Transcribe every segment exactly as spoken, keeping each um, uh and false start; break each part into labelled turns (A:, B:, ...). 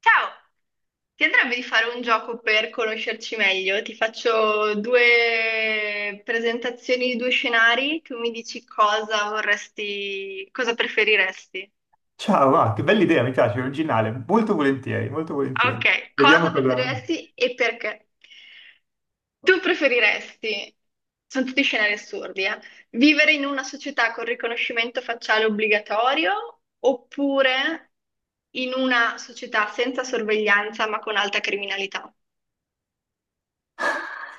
A: Ciao! Ti andrebbe di fare un gioco per conoscerci meglio? Ti faccio due presentazioni di due scenari, tu mi dici cosa vorresti, cosa preferiresti.
B: Ciao, ah, che bella idea, mi piace, originale. Molto volentieri, molto volentieri.
A: Ok,
B: Vediamo
A: cosa
B: cosa.
A: preferiresti e perché? Tu preferiresti, sono tutti scenari assurdi, eh, vivere in una società con riconoscimento facciale obbligatorio oppure in una società senza sorveglianza ma con alta criminalità?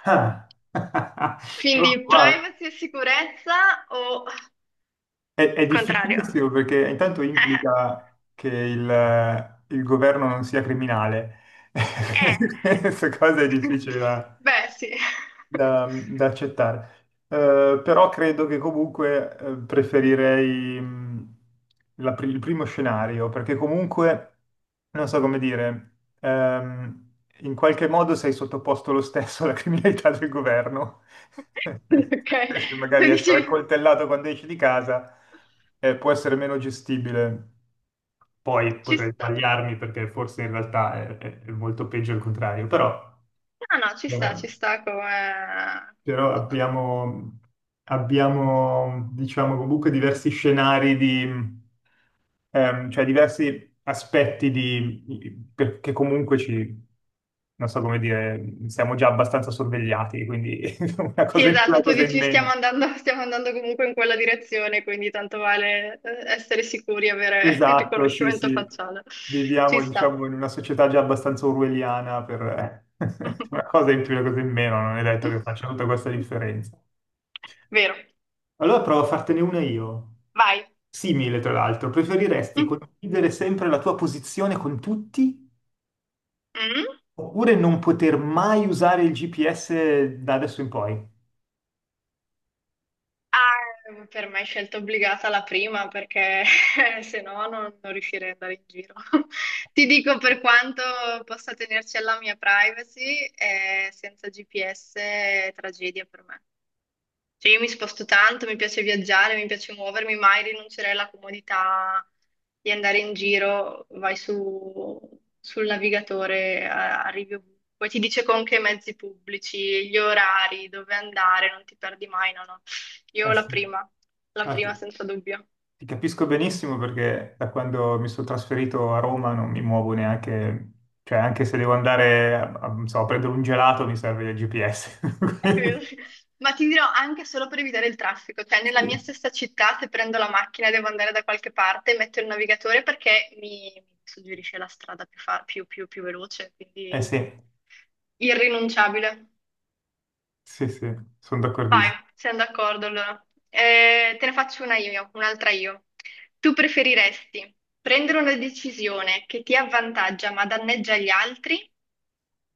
B: Ah. Oh,
A: Quindi
B: wow.
A: privacy e sicurezza o
B: È, è
A: il contrario?
B: difficilissimo perché intanto implica che il, il governo non sia criminale.
A: Eh.
B: Questa cosa è difficile da,
A: Beh, sì.
B: da, da accettare. Eh, però credo che comunque eh, preferirei mh, la pri- il primo scenario, perché comunque, non so come dire, ehm, in qualche modo sei sottoposto lo stesso alla criminalità del governo.
A: Ok,
B: Invece
A: tu
B: magari essere
A: dici
B: accoltellato quando esci di casa eh, può essere meno gestibile. Poi
A: ci
B: potrei
A: sta.
B: sbagliarmi perché forse in realtà è, è- è molto peggio il contrario, però.
A: No, no, ci sta,
B: ehm,
A: ci sta come come
B: Però
A: cosa.
B: abbiamo, abbiamo, diciamo, comunque diversi scenari di, ehm, cioè diversi aspetti di, perché comunque ci, non so come dire, siamo già abbastanza sorvegliati, quindi una
A: Sì,
B: cosa in più, una
A: esatto, tu
B: cosa in
A: dici stiamo
B: meno.
A: andando, stiamo andando comunque in quella direzione, quindi tanto vale eh, essere sicuri e avere il
B: Esatto, sì,
A: riconoscimento
B: sì.
A: facciale. Ci
B: Viviamo,
A: sta.
B: diciamo, in una società già abbastanza orwelliana per eh, una cosa in più, una cosa in meno, non è detto che faccia tutta questa differenza.
A: Vero.
B: Allora provo a fartene una io.
A: Vai.
B: Simile, tra l'altro, preferiresti
A: Mm.
B: condividere sempre la tua posizione con tutti
A: Mm?
B: oppure non poter mai usare il G P S da adesso in poi?
A: Ah, per me è scelta obbligata la prima perché se no non, non riuscirei ad andare in giro. Ti dico per quanto possa tenerci alla mia privacy, eh, senza G P S è tragedia per me. Cioè, io mi sposto tanto, mi piace viaggiare, mi piace muovermi, mai rinuncerei alla comodità di andare in giro, vai su, sul navigatore, a- arrivi ovunque, poi ti dice con che mezzi pubblici, gli orari, dove andare, non ti perdi mai, no, no.
B: Eh
A: Io la
B: sì,
A: prima, la
B: ah, ti
A: prima senza dubbio.
B: ti capisco benissimo perché da quando mi sono trasferito a Roma non mi muovo neanche, cioè anche se devo andare a, a- non so, a prendere un gelato mi serve il G P S.
A: È vero, sì. Ma ti dirò anche solo per evitare il traffico, cioè nella mia
B: Sì.
A: stessa città se prendo la macchina e devo andare da qualche parte, metto il navigatore perché mi, mi suggerisce la strada più, fa- più, più, più veloce,
B: Eh
A: quindi
B: sì,
A: irrinunciabile.
B: sì, sì, sono
A: Vai,
B: d'accordissimo.
A: siamo d'accordo allora. Eh, te ne faccio una io, un'altra io. Tu preferiresti prendere una decisione che ti avvantaggia ma danneggia gli altri,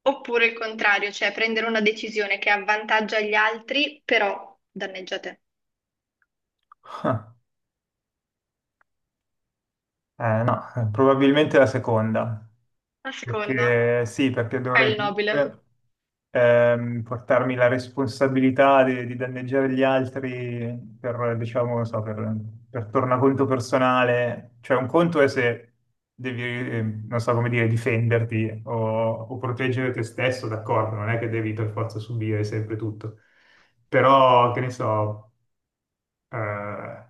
A: oppure il contrario, cioè prendere una decisione che avvantaggia gli altri però danneggia te?
B: Eh, no, eh, probabilmente la seconda,
A: La seconda
B: perché sì, perché
A: è
B: dovrei
A: il nobile.
B: comunque ehm, portarmi la responsabilità di, di danneggiare gli altri per, diciamo, non so, per, per tornaconto personale. Cioè, un conto è se devi, eh, non so come dire, difenderti o, o proteggere te stesso, d'accordo, non è che devi per forza subire sempre tutto. Però, che ne so, eh,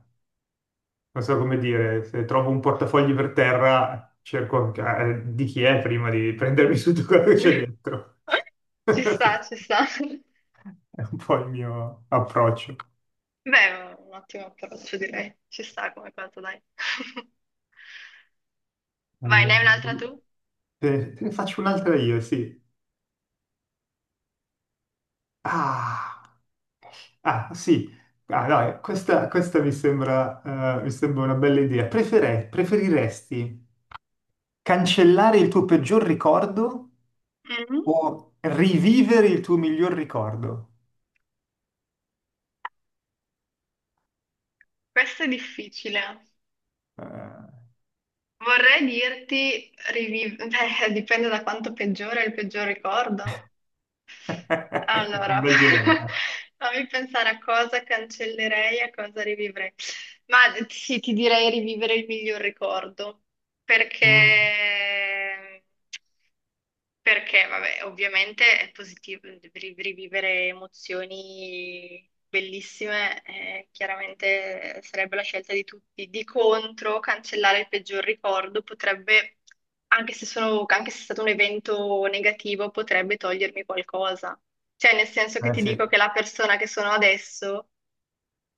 B: non so come dire, se trovo un portafogli per terra, cerco eh, di chi è prima di prendermi su tutto quello che c'è dentro.
A: Ci sta, ci sta.
B: È un po' il mio approccio.
A: Beh, è un ottimo approccio, direi. Ci sta come cosa, dai. Vai, ne
B: Allora,
A: hai un'altra tu?
B: te, te ne faccio un'altra io, sì. Ah, ah, sì. Ah, no, eh, questa, questa mi sembra, eh, mi sembra una bella idea. Prefere- preferiresti cancellare il tuo peggior ricordo
A: Mhm.
B: o rivivere il tuo miglior ricordo?
A: Questo è difficile.
B: Eh,
A: Vorrei dirti, riviv- beh, dipende da quanto peggiore è il peggior ricordo.
B: un
A: Allora,
B: bel dilemma. Eh.
A: fammi pensare a cosa cancellerei e a cosa rivivrei. Ma sì, ti direi rivivere il miglior ricordo,
B: Mm.
A: perché perché, vabbè, ovviamente è positivo ri- rivivere emozioni bellissime, eh, chiaramente sarebbe la scelta di tutti. Di contro, cancellare il peggior ricordo potrebbe, anche se sono- anche se è stato un evento negativo, potrebbe togliermi qualcosa. Cioè, nel senso che
B: Eh
A: ti
B: sì,
A: dico che la persona che sono adesso.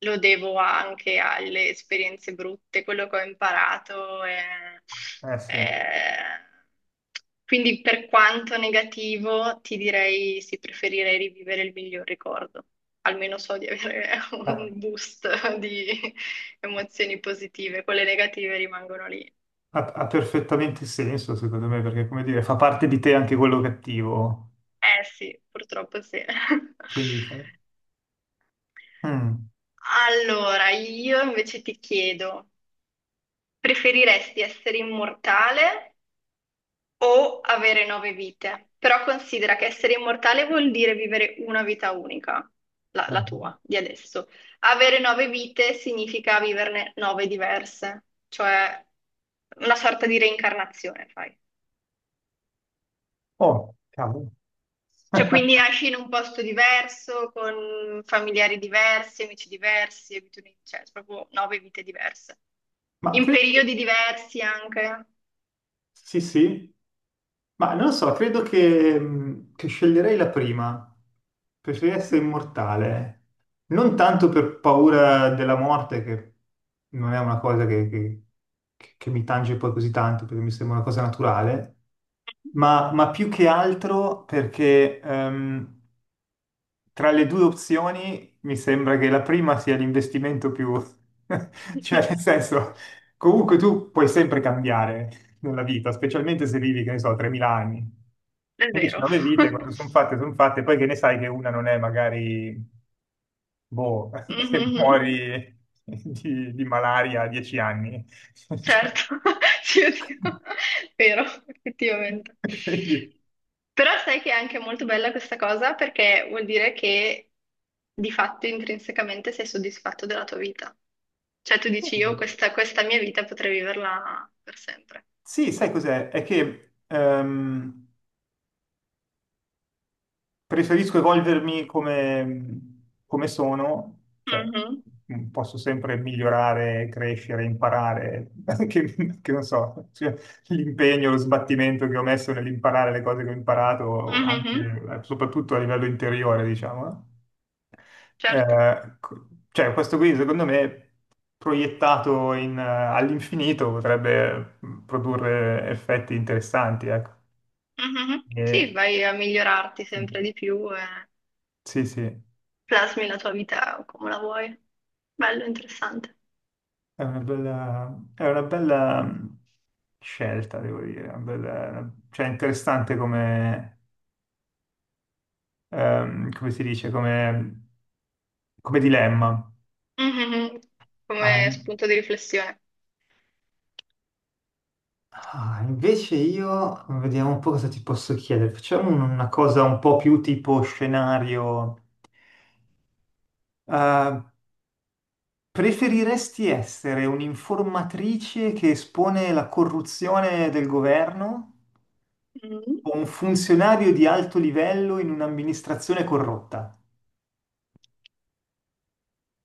A: Lo devo anche alle esperienze brutte, quello che ho imparato. è-
B: eh sì.
A: è- Quindi per quanto negativo, ti direi sì, preferirei rivivere il miglior ricordo. Almeno so di avere
B: Eh,
A: un boost di emozioni positive, quelle negative rimangono lì.
B: Ha, ha perfettamente senso, secondo me, perché, come dire, fa parte di te anche quello cattivo.
A: Eh sì, purtroppo sì.
B: Quindi, cioè, mm.
A: Allora, io invece ti chiedo, preferiresti essere immortale o avere nove vite? Però considera che essere immortale vuol dire vivere una vita unica, la,
B: Eh.
A: la tua, di adesso. Avere nove vite significa viverne nove diverse, cioè una sorta di reincarnazione, fai.
B: Oh, cavolo.
A: Cioè, quindi nasci in un posto diverso, con familiari diversi, amici diversi, abitudini, cioè, proprio nove vite diverse.
B: Ma
A: In
B: credo.
A: periodi diversi anche.
B: Sì, sì. Ma non lo so, credo che, mh, che sceglierei la prima. Preferirei essere immortale. Non tanto per paura della morte, che, non è una cosa che, che- che- che mi tange poi così tanto, perché mi sembra una cosa naturale, ma, ma più che altro perché ehm, tra le due opzioni mi sembra che la prima sia l'investimento più. Cioè nel senso, comunque tu puoi sempre cambiare nella vita, specialmente se vivi, che ne so, tremila anni.
A: È
B: Invece
A: vero.
B: nove vite, quando sono fatte, sono fatte, poi che ne sai che una non è magari, boh, che
A: Mhm.
B: muori di, di malaria a dieci anni. Cioè,
A: Certo, sì, oddio. Vero, effettivamente.
B: quindi,
A: Però sai che è anche molto bella questa cosa perché vuol dire che di fatto intrinsecamente sei soddisfatto della tua vita. Cioè tu dici io
B: eh,
A: questa, questa mia vita potrei viverla per sempre.
B: sì, sai cos'è? È che ehm, preferisco evolvermi come, come sono, cioè
A: Mhm,
B: mm, posso sempre migliorare, crescere, imparare, che, che non so, cioè, l'impegno, lo sbattimento che ho messo nell'imparare le cose che ho imparato, anche,
A: mhm,
B: eh, soprattutto a livello interiore, diciamo, no?
A: certo.
B: Eh, co- cioè, questo qui, secondo me, proiettato in, eh, all'infinito potrebbe mm, produrre effetti interessanti, ecco.
A: Mhm. Sì,
B: E-
A: vai a migliorarti sempre di più e
B: sì, sì.
A: plasmi la tua vita come la vuoi. Bello, interessante.
B: È una bella, è una bella mh, scelta, devo dire. Una bella- una- cioè, interessante come, ehm, come si dice, come, come dilemma.
A: Mhm.
B: Ah,
A: Come
B: in-
A: spunto di riflessione.
B: ah, invece io vediamo un po' cosa ti posso chiedere. Facciamo un- una cosa un po' più tipo scenario. Eh, preferiresti essere un'informatrice che espone la corruzione del governo
A: Mm.
B: o un funzionario di alto livello in un'amministrazione corrotta?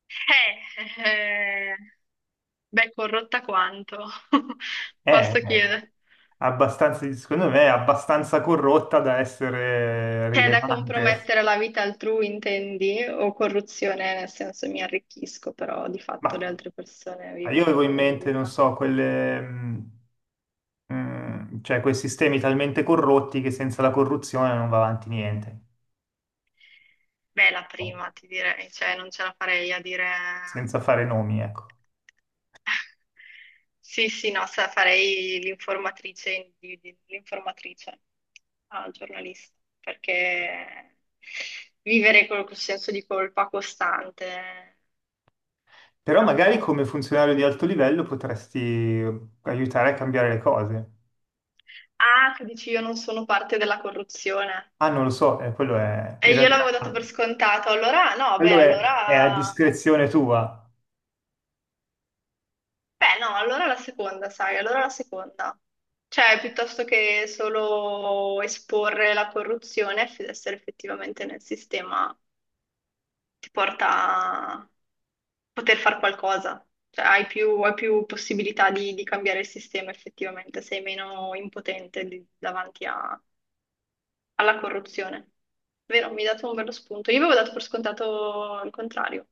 A: Eh, eh, beh, corrotta quanto,
B: È
A: posso chiedere.
B: abbastanza, secondo me, è abbastanza corrotta da essere
A: C'è da
B: rilevante.
A: compromettere la vita altrui, intendi? O corruzione, nel senso mi arricchisco, però di fatto le
B: Ma
A: altre persone
B: io
A: vivono
B: avevo
A: la
B: in
A: loro
B: mente, non
A: vita.
B: so, quelle, mh, mh, cioè quei sistemi talmente corrotti che senza la corruzione non va avanti niente,
A: Beh, la
B: no?
A: prima, ti direi, cioè non ce la farei a dire.
B: Senza fare nomi, ecco.
A: Sì, sì, no, sa- farei l'informatrice, di- di- l'informatrice al giornalista, perché vivere con quel senso di colpa costante,
B: Però
A: no.
B: magari come funzionario di alto livello potresti aiutare a cambiare le cose.
A: Ah, tu dici io non sono parte della corruzione.
B: Ah, non lo so, eh, quello è, in
A: E io l'avevo
B: realtà,
A: dato per scontato, allora no, beh,
B: quello è, è a
A: allora.
B: discrezione tua.
A: Beh, no, allora la seconda, sai, allora la seconda. Cioè, piuttosto che solo esporre la corruzione, f- essere effettivamente nel sistema ti porta a poter fare qualcosa, cioè hai più, hai più possibilità di, di cambiare il sistema effettivamente, sei meno impotente di- davanti a- alla corruzione. Vero, mi hai dato un bello spunto. Io avevo dato per scontato il contrario,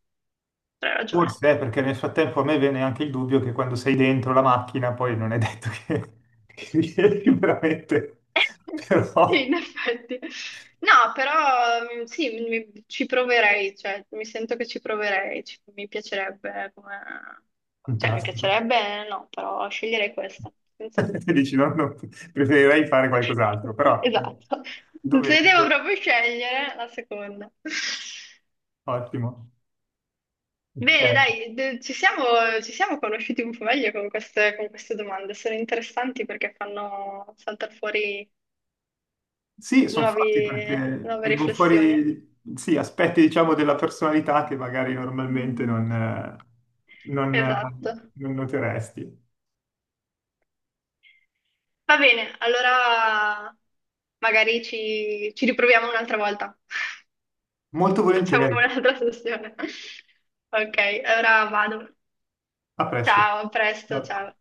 A: però hai ragione.
B: Forse è perché nel frattempo a me viene anche il dubbio che quando sei dentro la macchina poi non è detto che, che riesci veramente,
A: Sì,
B: però
A: in effetti. No, però mm, sì, mi- ci proverei, cioè, mi sento che ci proverei, ci- mi piacerebbe come. Cioè, mi
B: fantastico.
A: piacerebbe, no, però sceglierei questa, senza
B: Ti
A: dubbio.
B: dici, no, no, preferirei fare qualcos'altro, però
A: Esatto, se devo
B: dovendo,
A: proprio scegliere la seconda.
B: ottimo.
A: Bene,
B: Ok.
A: dai, d- ci siamo, ci siamo conosciuti un po' meglio con queste, con queste domande, sono interessanti perché fanno saltare fuori
B: Sì, sono fatti
A: nuovi-
B: perché
A: nuove
B: vengono
A: riflessioni.
B: fuori sì, aspetti, diciamo, della personalità che magari normalmente non, eh, non, eh,
A: Esatto.
B: non noteresti.
A: Va bene, allora magari ci, ci riproviamo un'altra volta.
B: Molto
A: Facciamo
B: volentieri.
A: un'altra sessione. Ok, allora vado.
B: A presto.
A: Ciao, a presto,
B: Ciao.
A: ciao.